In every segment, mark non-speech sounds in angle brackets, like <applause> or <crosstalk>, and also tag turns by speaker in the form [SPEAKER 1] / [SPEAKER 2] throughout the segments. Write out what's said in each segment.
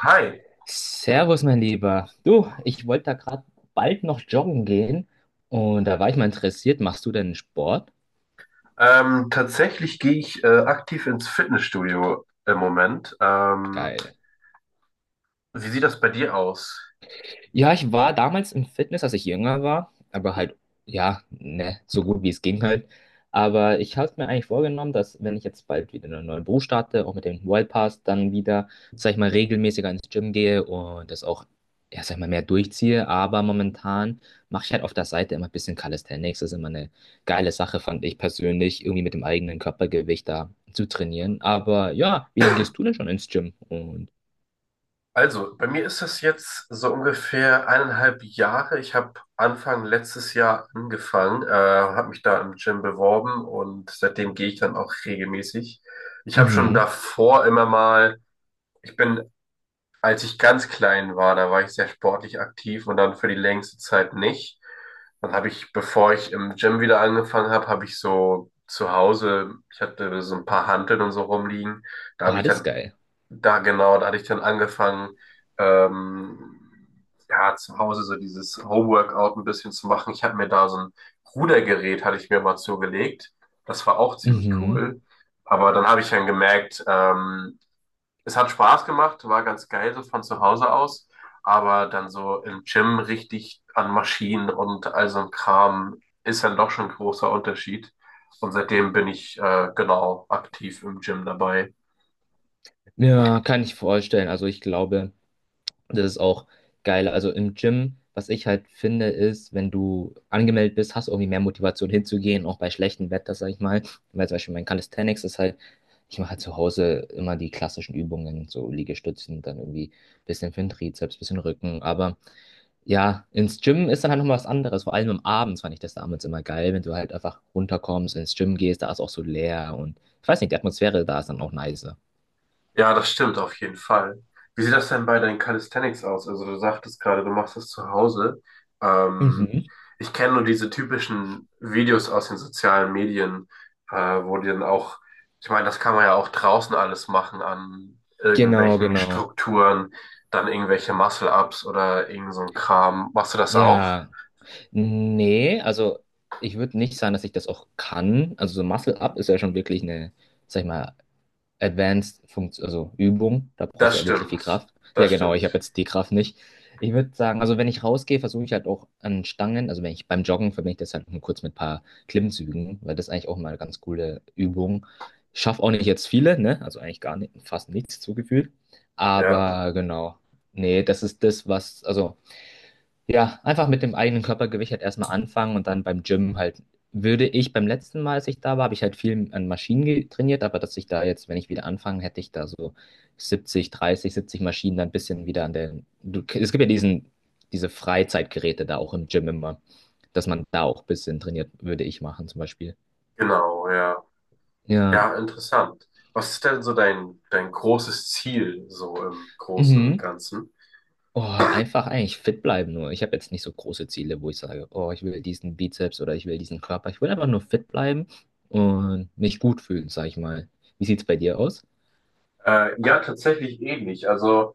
[SPEAKER 1] Hi,
[SPEAKER 2] Servus, mein Lieber. Du, ich wollte da gerade bald noch joggen gehen und da war ich mal interessiert. Machst du denn Sport?
[SPEAKER 1] tatsächlich gehe ich aktiv ins Fitnessstudio im Moment. Ähm,
[SPEAKER 2] Geil.
[SPEAKER 1] wie sieht das bei dir aus?
[SPEAKER 2] Ja, ich war damals im Fitness, als ich jünger war, aber halt, ja, ne, so gut wie es ging halt. Aber ich habe mir eigentlich vorgenommen, dass wenn ich jetzt bald wieder einen neuen Beruf starte, auch mit dem Wild Pass, dann wieder, sag ich mal, regelmäßiger ins Gym gehe und das auch, ja, sag ich mal, mehr durchziehe. Aber momentan mache ich halt auf der Seite immer ein bisschen Calisthenics. Das ist immer eine geile Sache, fand ich persönlich, irgendwie mit dem eigenen Körpergewicht da zu trainieren. Aber ja, wie lange gehst du denn schon ins Gym? Und,
[SPEAKER 1] Also, bei mir ist das jetzt so ungefähr 1,5 Jahre. Ich habe Anfang letztes Jahr angefangen, habe mich da im Gym beworben und seitdem gehe ich dann auch regelmäßig. Ich habe schon
[SPEAKER 2] mhm,
[SPEAKER 1] davor immer mal, ich bin Als ich ganz klein war, da war ich sehr sportlich aktiv und dann für die längste Zeit nicht. Dann habe ich, bevor ich im Gym wieder angefangen habe, habe ich so zu Hause, ich hatte so ein paar Hanteln und so rumliegen. Da habe
[SPEAKER 2] oh,
[SPEAKER 1] ich
[SPEAKER 2] das ist
[SPEAKER 1] dann,
[SPEAKER 2] geil.
[SPEAKER 1] da genau, da hatte ich dann angefangen, ähm, ja, zu Hause so dieses Homeworkout ein bisschen zu machen. Ich habe mir da so ein Rudergerät, hatte ich mir mal zugelegt. Das war auch ziemlich
[SPEAKER 2] Mhm.
[SPEAKER 1] cool. Aber dann habe ich dann gemerkt, es hat Spaß gemacht, war ganz geil so von zu Hause aus, aber dann so im Gym richtig an Maschinen und all so ein Kram ist dann doch schon ein großer Unterschied. Und seitdem bin ich genau aktiv im Gym dabei.
[SPEAKER 2] Ja, kann ich vorstellen. Also ich glaube, das ist auch geil. Also im Gym, was ich halt finde, ist, wenn du angemeldet bist, hast du irgendwie mehr Motivation hinzugehen, auch bei schlechtem Wetter, sag ich mal. Weil zum Beispiel mein Calisthenics ist halt, ich mache halt zu Hause immer die klassischen Übungen, so Liegestützen, dann irgendwie ein bisschen für den Trizeps, bisschen Rücken. Aber ja, ins Gym ist dann halt nochmal was anderes. Vor allem am Abend fand ich das damals immer geil, wenn du halt einfach runterkommst, ins Gym gehst, da ist auch so leer und ich weiß nicht, die Atmosphäre da ist dann auch nicer.
[SPEAKER 1] Ja, das stimmt auf jeden Fall. Wie sieht das denn bei deinen Calisthenics aus? Also du sagtest gerade, du machst das zu Hause. Ähm,
[SPEAKER 2] Mhm.
[SPEAKER 1] ich kenne nur diese typischen Videos aus den sozialen Medien, äh, wo die dann auch, ich meine, das kann man ja auch draußen alles machen an
[SPEAKER 2] Genau,
[SPEAKER 1] irgendwelchen
[SPEAKER 2] genau.
[SPEAKER 1] Strukturen, dann irgendwelche Muscle-Ups oder irgend so ein Kram. Machst du das auch?
[SPEAKER 2] Ja, nee, also ich würde nicht sagen, dass ich das auch kann. Also so Muscle Up ist ja schon wirklich eine, sag ich mal, Advanced Funktion, also Übung. Da brauchst du
[SPEAKER 1] Das
[SPEAKER 2] ja wirklich viel
[SPEAKER 1] stimmt.
[SPEAKER 2] Kraft. Ja,
[SPEAKER 1] Das
[SPEAKER 2] genau, ich habe
[SPEAKER 1] stimmt.
[SPEAKER 2] jetzt die Kraft nicht. Ich würde sagen, also wenn ich rausgehe, versuche ich halt auch an Stangen, also wenn ich beim Joggen verbinde ich das halt nur kurz mit ein paar Klimmzügen, weil das ist eigentlich auch mal eine ganz coole Übung. Schaff auch nicht jetzt viele, ne? Also eigentlich gar nicht, fast nichts zugefügt.
[SPEAKER 1] Ja,
[SPEAKER 2] Aber genau. Nee, das ist das, was, also. Ja, einfach mit dem eigenen Körpergewicht halt erstmal anfangen und dann beim Gym halt, würde ich beim letzten Mal, als ich da war, habe ich halt viel an Maschinen trainiert, aber dass ich da jetzt, wenn ich wieder anfange, hätte ich da so 70, 30, 70 Maschinen dann ein bisschen wieder an der. Du, es gibt ja diese Freizeitgeräte da auch im Gym immer, dass man da auch ein bisschen trainiert, würde ich machen zum Beispiel.
[SPEAKER 1] genau, ja.
[SPEAKER 2] Ja.
[SPEAKER 1] Ja, interessant. Was ist denn so dein großes Ziel so im Großen und
[SPEAKER 2] Mhm.
[SPEAKER 1] Ganzen?
[SPEAKER 2] Oh, einfach eigentlich fit bleiben nur. Ich habe jetzt nicht so große Ziele, wo ich sage, oh, ich will diesen Bizeps oder ich will diesen Körper. Ich will einfach nur fit bleiben und mich gut fühlen, sag ich mal. Wie sieht's bei dir aus?
[SPEAKER 1] Ja, tatsächlich ähnlich. Also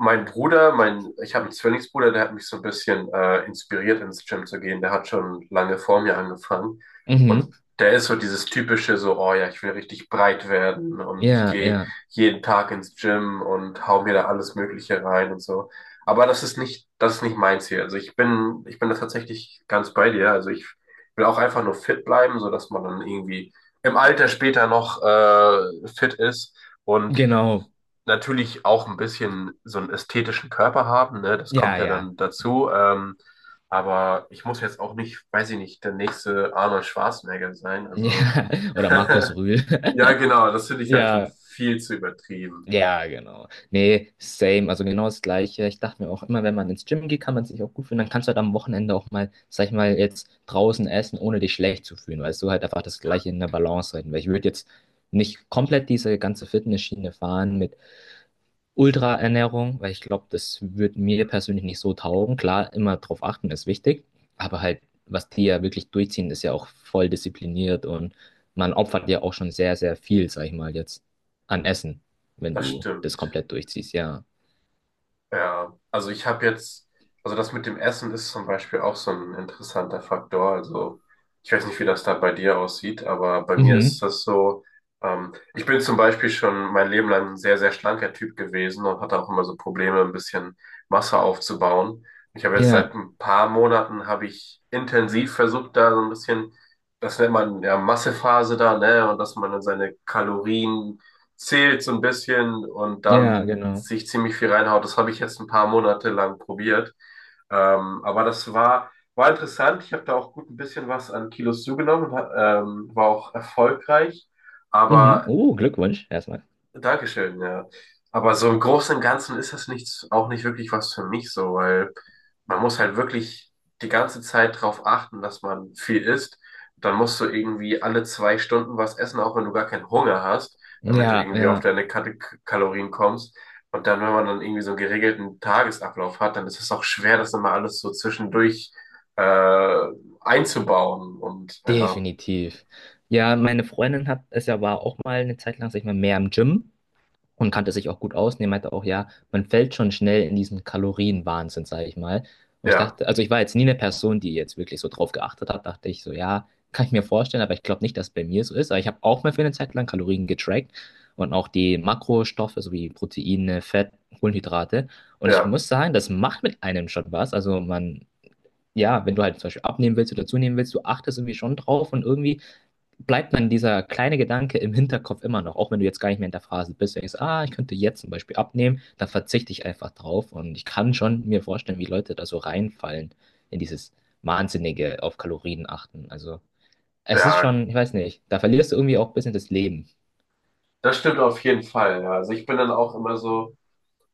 [SPEAKER 1] mein Bruder, ich habe einen Zwillingsbruder, der hat mich so ein bisschen inspiriert, ins Gym zu gehen. Der hat schon lange vor mir angefangen.
[SPEAKER 2] Mhm.
[SPEAKER 1] Und der ist so dieses typische, so, oh ja, ich will richtig breit werden und ich
[SPEAKER 2] Ja,
[SPEAKER 1] gehe
[SPEAKER 2] ja.
[SPEAKER 1] jeden Tag ins Gym und hau mir da alles Mögliche rein und so. Aber das ist nicht mein Ziel. Also ich bin da tatsächlich ganz bei dir. Also ich will auch einfach nur fit bleiben, so dass man dann irgendwie im Alter später noch fit ist. Und
[SPEAKER 2] Genau.
[SPEAKER 1] natürlich auch ein bisschen so einen ästhetischen Körper haben, ne? Das
[SPEAKER 2] Ja,
[SPEAKER 1] kommt ja
[SPEAKER 2] ja.
[SPEAKER 1] dann dazu. Aber ich muss jetzt auch nicht, weiß ich nicht, der nächste Arnold Schwarzenegger sein. Also
[SPEAKER 2] Ja. <laughs> Oder Markus
[SPEAKER 1] <laughs>
[SPEAKER 2] Rühl.
[SPEAKER 1] ja, genau,
[SPEAKER 2] <laughs>
[SPEAKER 1] das finde ich halt schon
[SPEAKER 2] Ja,
[SPEAKER 1] viel zu übertrieben.
[SPEAKER 2] ja, genau. Nee, same, also genau das Gleiche. Ich dachte mir auch immer, wenn man ins Gym geht, kann man sich auch gut fühlen. Dann kannst du halt am Wochenende auch mal, sag ich mal, jetzt draußen essen, ohne dich schlecht zu fühlen, weil du halt einfach das Gleiche in der Balance halten. Weil ich würde jetzt nicht komplett diese ganze Fitnessschiene fahren mit Ultraernährung, weil ich glaube, das wird mir persönlich nicht so taugen. Klar, immer drauf achten ist wichtig, aber halt, was die ja wirklich durchziehen, ist ja auch voll diszipliniert und man opfert ja auch schon sehr, sehr viel, sag ich mal jetzt, an Essen, wenn
[SPEAKER 1] Das
[SPEAKER 2] du das
[SPEAKER 1] stimmt.
[SPEAKER 2] komplett durchziehst, ja.
[SPEAKER 1] Ja, also also das mit dem Essen ist zum Beispiel auch so ein interessanter Faktor. Also ich weiß nicht, wie das da bei dir aussieht, aber bei mir
[SPEAKER 2] Mhm.
[SPEAKER 1] ist das so, ich bin zum Beispiel schon mein Leben lang ein sehr, sehr schlanker Typ gewesen und hatte auch immer so Probleme, ein bisschen Masse aufzubauen. Ich habe jetzt seit
[SPEAKER 2] Ja,
[SPEAKER 1] ein paar Monaten, habe ich intensiv versucht, da so ein bisschen, das nennt man ja Massephase da, ne, und dass man dann seine Kalorien zählt so ein bisschen und
[SPEAKER 2] ja,
[SPEAKER 1] dann
[SPEAKER 2] genau.
[SPEAKER 1] sich ziemlich viel reinhaut. Das habe ich jetzt ein paar Monate lang probiert. Aber das war interessant. Ich habe da auch gut ein bisschen was an Kilos zugenommen, war auch erfolgreich.
[SPEAKER 2] Mhm.
[SPEAKER 1] Aber
[SPEAKER 2] Oh, Glückwunsch erstmal.
[SPEAKER 1] Dankeschön, ja. Aber so im Großen und Ganzen ist das nichts, auch nicht wirklich was für mich so, weil man muss halt wirklich die ganze Zeit drauf achten, dass man viel isst. Dann musst du irgendwie alle 2 Stunden was essen, auch wenn du gar keinen Hunger hast, damit du
[SPEAKER 2] Ja,
[SPEAKER 1] irgendwie auf
[SPEAKER 2] ja,
[SPEAKER 1] deine Kalorien kommst. Und dann, wenn man dann irgendwie so einen geregelten Tagesablauf hat, dann ist es auch schwer, das immer alles so zwischendurch äh, einzubauen. Und ja,
[SPEAKER 2] definitiv. Ja, meine Freundin hat es ja war auch mal eine Zeit lang, sag ich mal, mehr im Gym. Und kannte sich auch gut aus. Und er meinte auch, ja, man fällt schon schnell in diesen Kalorienwahnsinn, sage ich mal. Und ich
[SPEAKER 1] ja,
[SPEAKER 2] dachte, also ich war jetzt nie eine Person, die jetzt wirklich so drauf geachtet hat, dachte ich so, ja, kann ich mir vorstellen, aber ich glaube nicht, dass es bei mir so ist. Aber ich habe auch mal für eine Zeit lang Kalorien getrackt und auch die Makrostoffe sowie Proteine, Fett, Kohlenhydrate. Und ich
[SPEAKER 1] ja,
[SPEAKER 2] muss sagen, das macht mit einem schon was. Also man, ja, wenn du halt zum Beispiel abnehmen willst oder zunehmen willst, du achtest irgendwie schon drauf und irgendwie bleibt dann dieser kleine Gedanke im Hinterkopf immer noch, auch wenn du jetzt gar nicht mehr in der Phase bist. Wenn du denkst, ah, ich könnte jetzt zum Beispiel abnehmen, dann verzichte ich einfach drauf. Und ich kann schon mir vorstellen, wie Leute da so reinfallen in dieses wahnsinnige auf Kalorien achten. Also es ist
[SPEAKER 1] ja,
[SPEAKER 2] schon, ich weiß nicht, da verlierst du irgendwie auch ein bisschen das Leben.
[SPEAKER 1] das stimmt auf jeden Fall. Ja. Also ich bin dann auch immer so.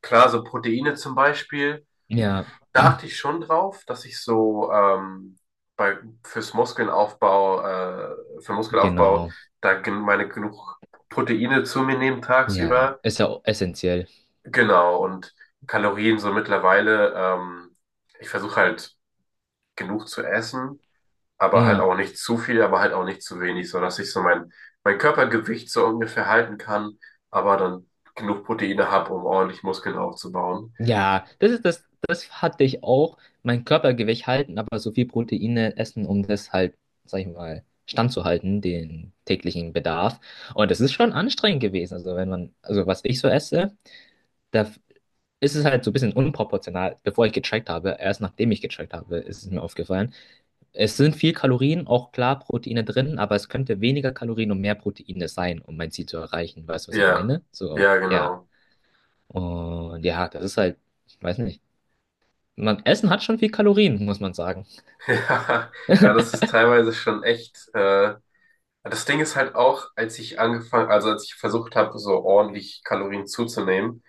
[SPEAKER 1] Klar, so Proteine zum Beispiel,
[SPEAKER 2] Ja,
[SPEAKER 1] da achte ich schon drauf, dass ich so bei, fürs Muskelaufbau, äh, für Muskelaufbau,
[SPEAKER 2] genau.
[SPEAKER 1] da gen meine genug Proteine zu mir nehme
[SPEAKER 2] Ja,
[SPEAKER 1] tagsüber.
[SPEAKER 2] ist ja auch essentiell.
[SPEAKER 1] Genau, und Kalorien so mittlerweile, ich versuche halt genug zu essen, aber halt
[SPEAKER 2] Ja.
[SPEAKER 1] auch nicht zu viel, aber halt auch nicht zu wenig, so dass ich so mein Körpergewicht so ungefähr halten kann, aber dann genug Proteine habe, um ordentlich Muskeln aufzubauen.
[SPEAKER 2] Ja, das hatte ich auch. Mein Körpergewicht halten, aber so viel Proteine essen, um das halt, sag ich mal, standzuhalten, den täglichen Bedarf. Und das ist schon anstrengend gewesen. Also wenn man, also was ich so esse, da ist es halt so ein bisschen unproportional, bevor ich gecheckt habe, erst nachdem ich gecheckt habe, ist es mir aufgefallen. Es sind viel Kalorien, auch klar Proteine drin, aber es könnte weniger Kalorien und mehr Proteine sein, um mein Ziel zu erreichen. Weißt du, was ich
[SPEAKER 1] Ja,
[SPEAKER 2] meine? So,
[SPEAKER 1] ja,
[SPEAKER 2] ja.
[SPEAKER 1] genau.
[SPEAKER 2] Und ja, das ist halt, ich weiß nicht. Man, Essen hat schon viel Kalorien, muss man sagen.
[SPEAKER 1] <laughs> Ja, ja, das ist teilweise schon echt. Das Ding ist halt auch, als ich angefangen, also als ich versucht habe, so ordentlich Kalorien zuzunehmen,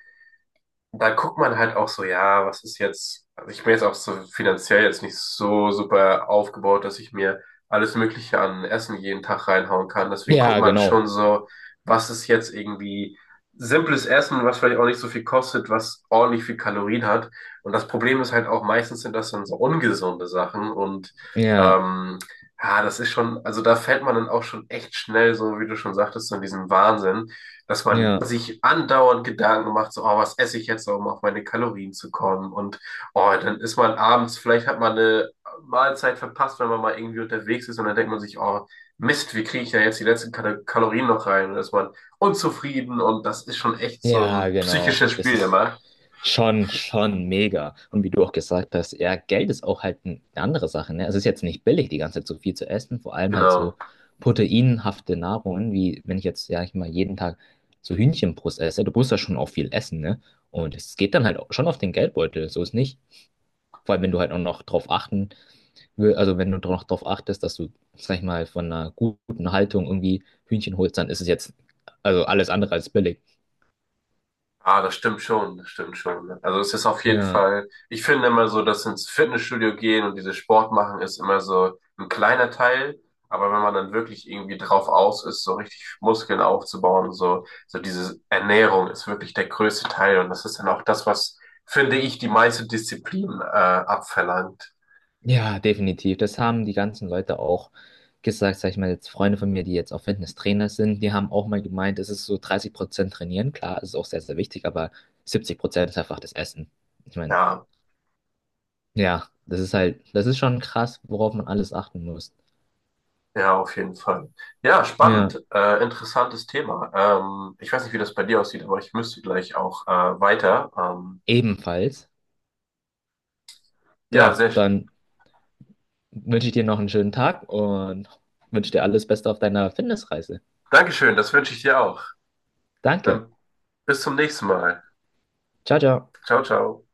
[SPEAKER 1] da guckt man halt auch so, ja, was ist jetzt, also ich bin jetzt auch so finanziell jetzt nicht so super aufgebaut, dass ich mir alles Mögliche an Essen jeden Tag reinhauen kann. Deswegen guckt
[SPEAKER 2] Ja,
[SPEAKER 1] man
[SPEAKER 2] genau.
[SPEAKER 1] schon so, was ist jetzt irgendwie simples Essen, was vielleicht auch nicht so viel kostet, was ordentlich viel Kalorien hat. Und das Problem ist halt auch, meistens sind das dann so ungesunde Sachen und
[SPEAKER 2] Ja,
[SPEAKER 1] ähm, ja, das ist schon, also da fällt man dann auch schon echt schnell, so wie du schon sagtest, so in diesen Wahnsinn, dass man
[SPEAKER 2] ja,
[SPEAKER 1] sich andauernd Gedanken macht, so, oh, was esse ich jetzt, um auf meine Kalorien zu kommen? Und oh, dann ist man abends, vielleicht hat man eine Mahlzeit verpasst, wenn man mal irgendwie unterwegs ist und dann denkt man sich, oh, Mist, wie kriege ich da jetzt die letzten Kalorien noch rein? Und dann ist man unzufrieden und das ist schon echt so
[SPEAKER 2] ja,
[SPEAKER 1] ein
[SPEAKER 2] genau.
[SPEAKER 1] psychisches
[SPEAKER 2] Das
[SPEAKER 1] Spiel
[SPEAKER 2] ist
[SPEAKER 1] immer.
[SPEAKER 2] schon, schon mega. Und wie du auch gesagt hast, ja, Geld ist auch halt eine andere Sache, ne? Es ist jetzt nicht billig, die ganze Zeit so viel zu essen, vor allem halt so
[SPEAKER 1] Genau.
[SPEAKER 2] proteinhafte Nahrungen, wie wenn ich jetzt, ja, ich mal jeden Tag so Hühnchenbrust esse, du musst ja schon auch viel essen, ne? Und es geht dann halt auch schon auf den Geldbeutel, so ist nicht. Vor allem, wenn du halt auch noch drauf achten will, also wenn du noch drauf achtest, dass du, sag ich mal, von einer guten Haltung irgendwie Hühnchen holst, dann ist es jetzt also alles andere als billig.
[SPEAKER 1] Ah, das stimmt schon, das stimmt schon. Also es ist auf jeden
[SPEAKER 2] Ja,
[SPEAKER 1] Fall, ich finde immer so, dass ins Fitnessstudio gehen und dieses Sport machen ist immer so ein kleiner Teil, aber wenn man dann wirklich irgendwie drauf aus ist, so richtig Muskeln aufzubauen und so, so diese Ernährung ist wirklich der größte Teil und das ist dann auch das, was, finde ich, die meiste Disziplin abverlangt.
[SPEAKER 2] ja, definitiv. Das haben die ganzen Leute auch gesagt, sag ich mal, jetzt Freunde von mir, die jetzt auch Fitnesstrainer sind, die haben auch mal gemeint, es ist so 30% trainieren, klar, es ist auch sehr, sehr wichtig, aber 70% ist einfach das Essen. Ich meine,
[SPEAKER 1] Ja,
[SPEAKER 2] ja, das ist halt, das ist schon krass, worauf man alles achten muss.
[SPEAKER 1] ja, auf jeden Fall. Ja,
[SPEAKER 2] Ja,
[SPEAKER 1] spannend, interessantes Thema. Ich weiß nicht, wie das bei dir aussieht, aber ich müsste gleich auch weiter. Ähm,
[SPEAKER 2] ebenfalls.
[SPEAKER 1] ja,
[SPEAKER 2] Da,
[SPEAKER 1] sehr,
[SPEAKER 2] dann wünsche ich dir noch einen schönen Tag und wünsche dir alles Beste auf deiner Fitnessreise.
[SPEAKER 1] Dankeschön, das wünsche ich dir auch.
[SPEAKER 2] Danke.
[SPEAKER 1] Dann bis zum nächsten Mal.
[SPEAKER 2] Ciao, ciao.
[SPEAKER 1] Ciao, ciao.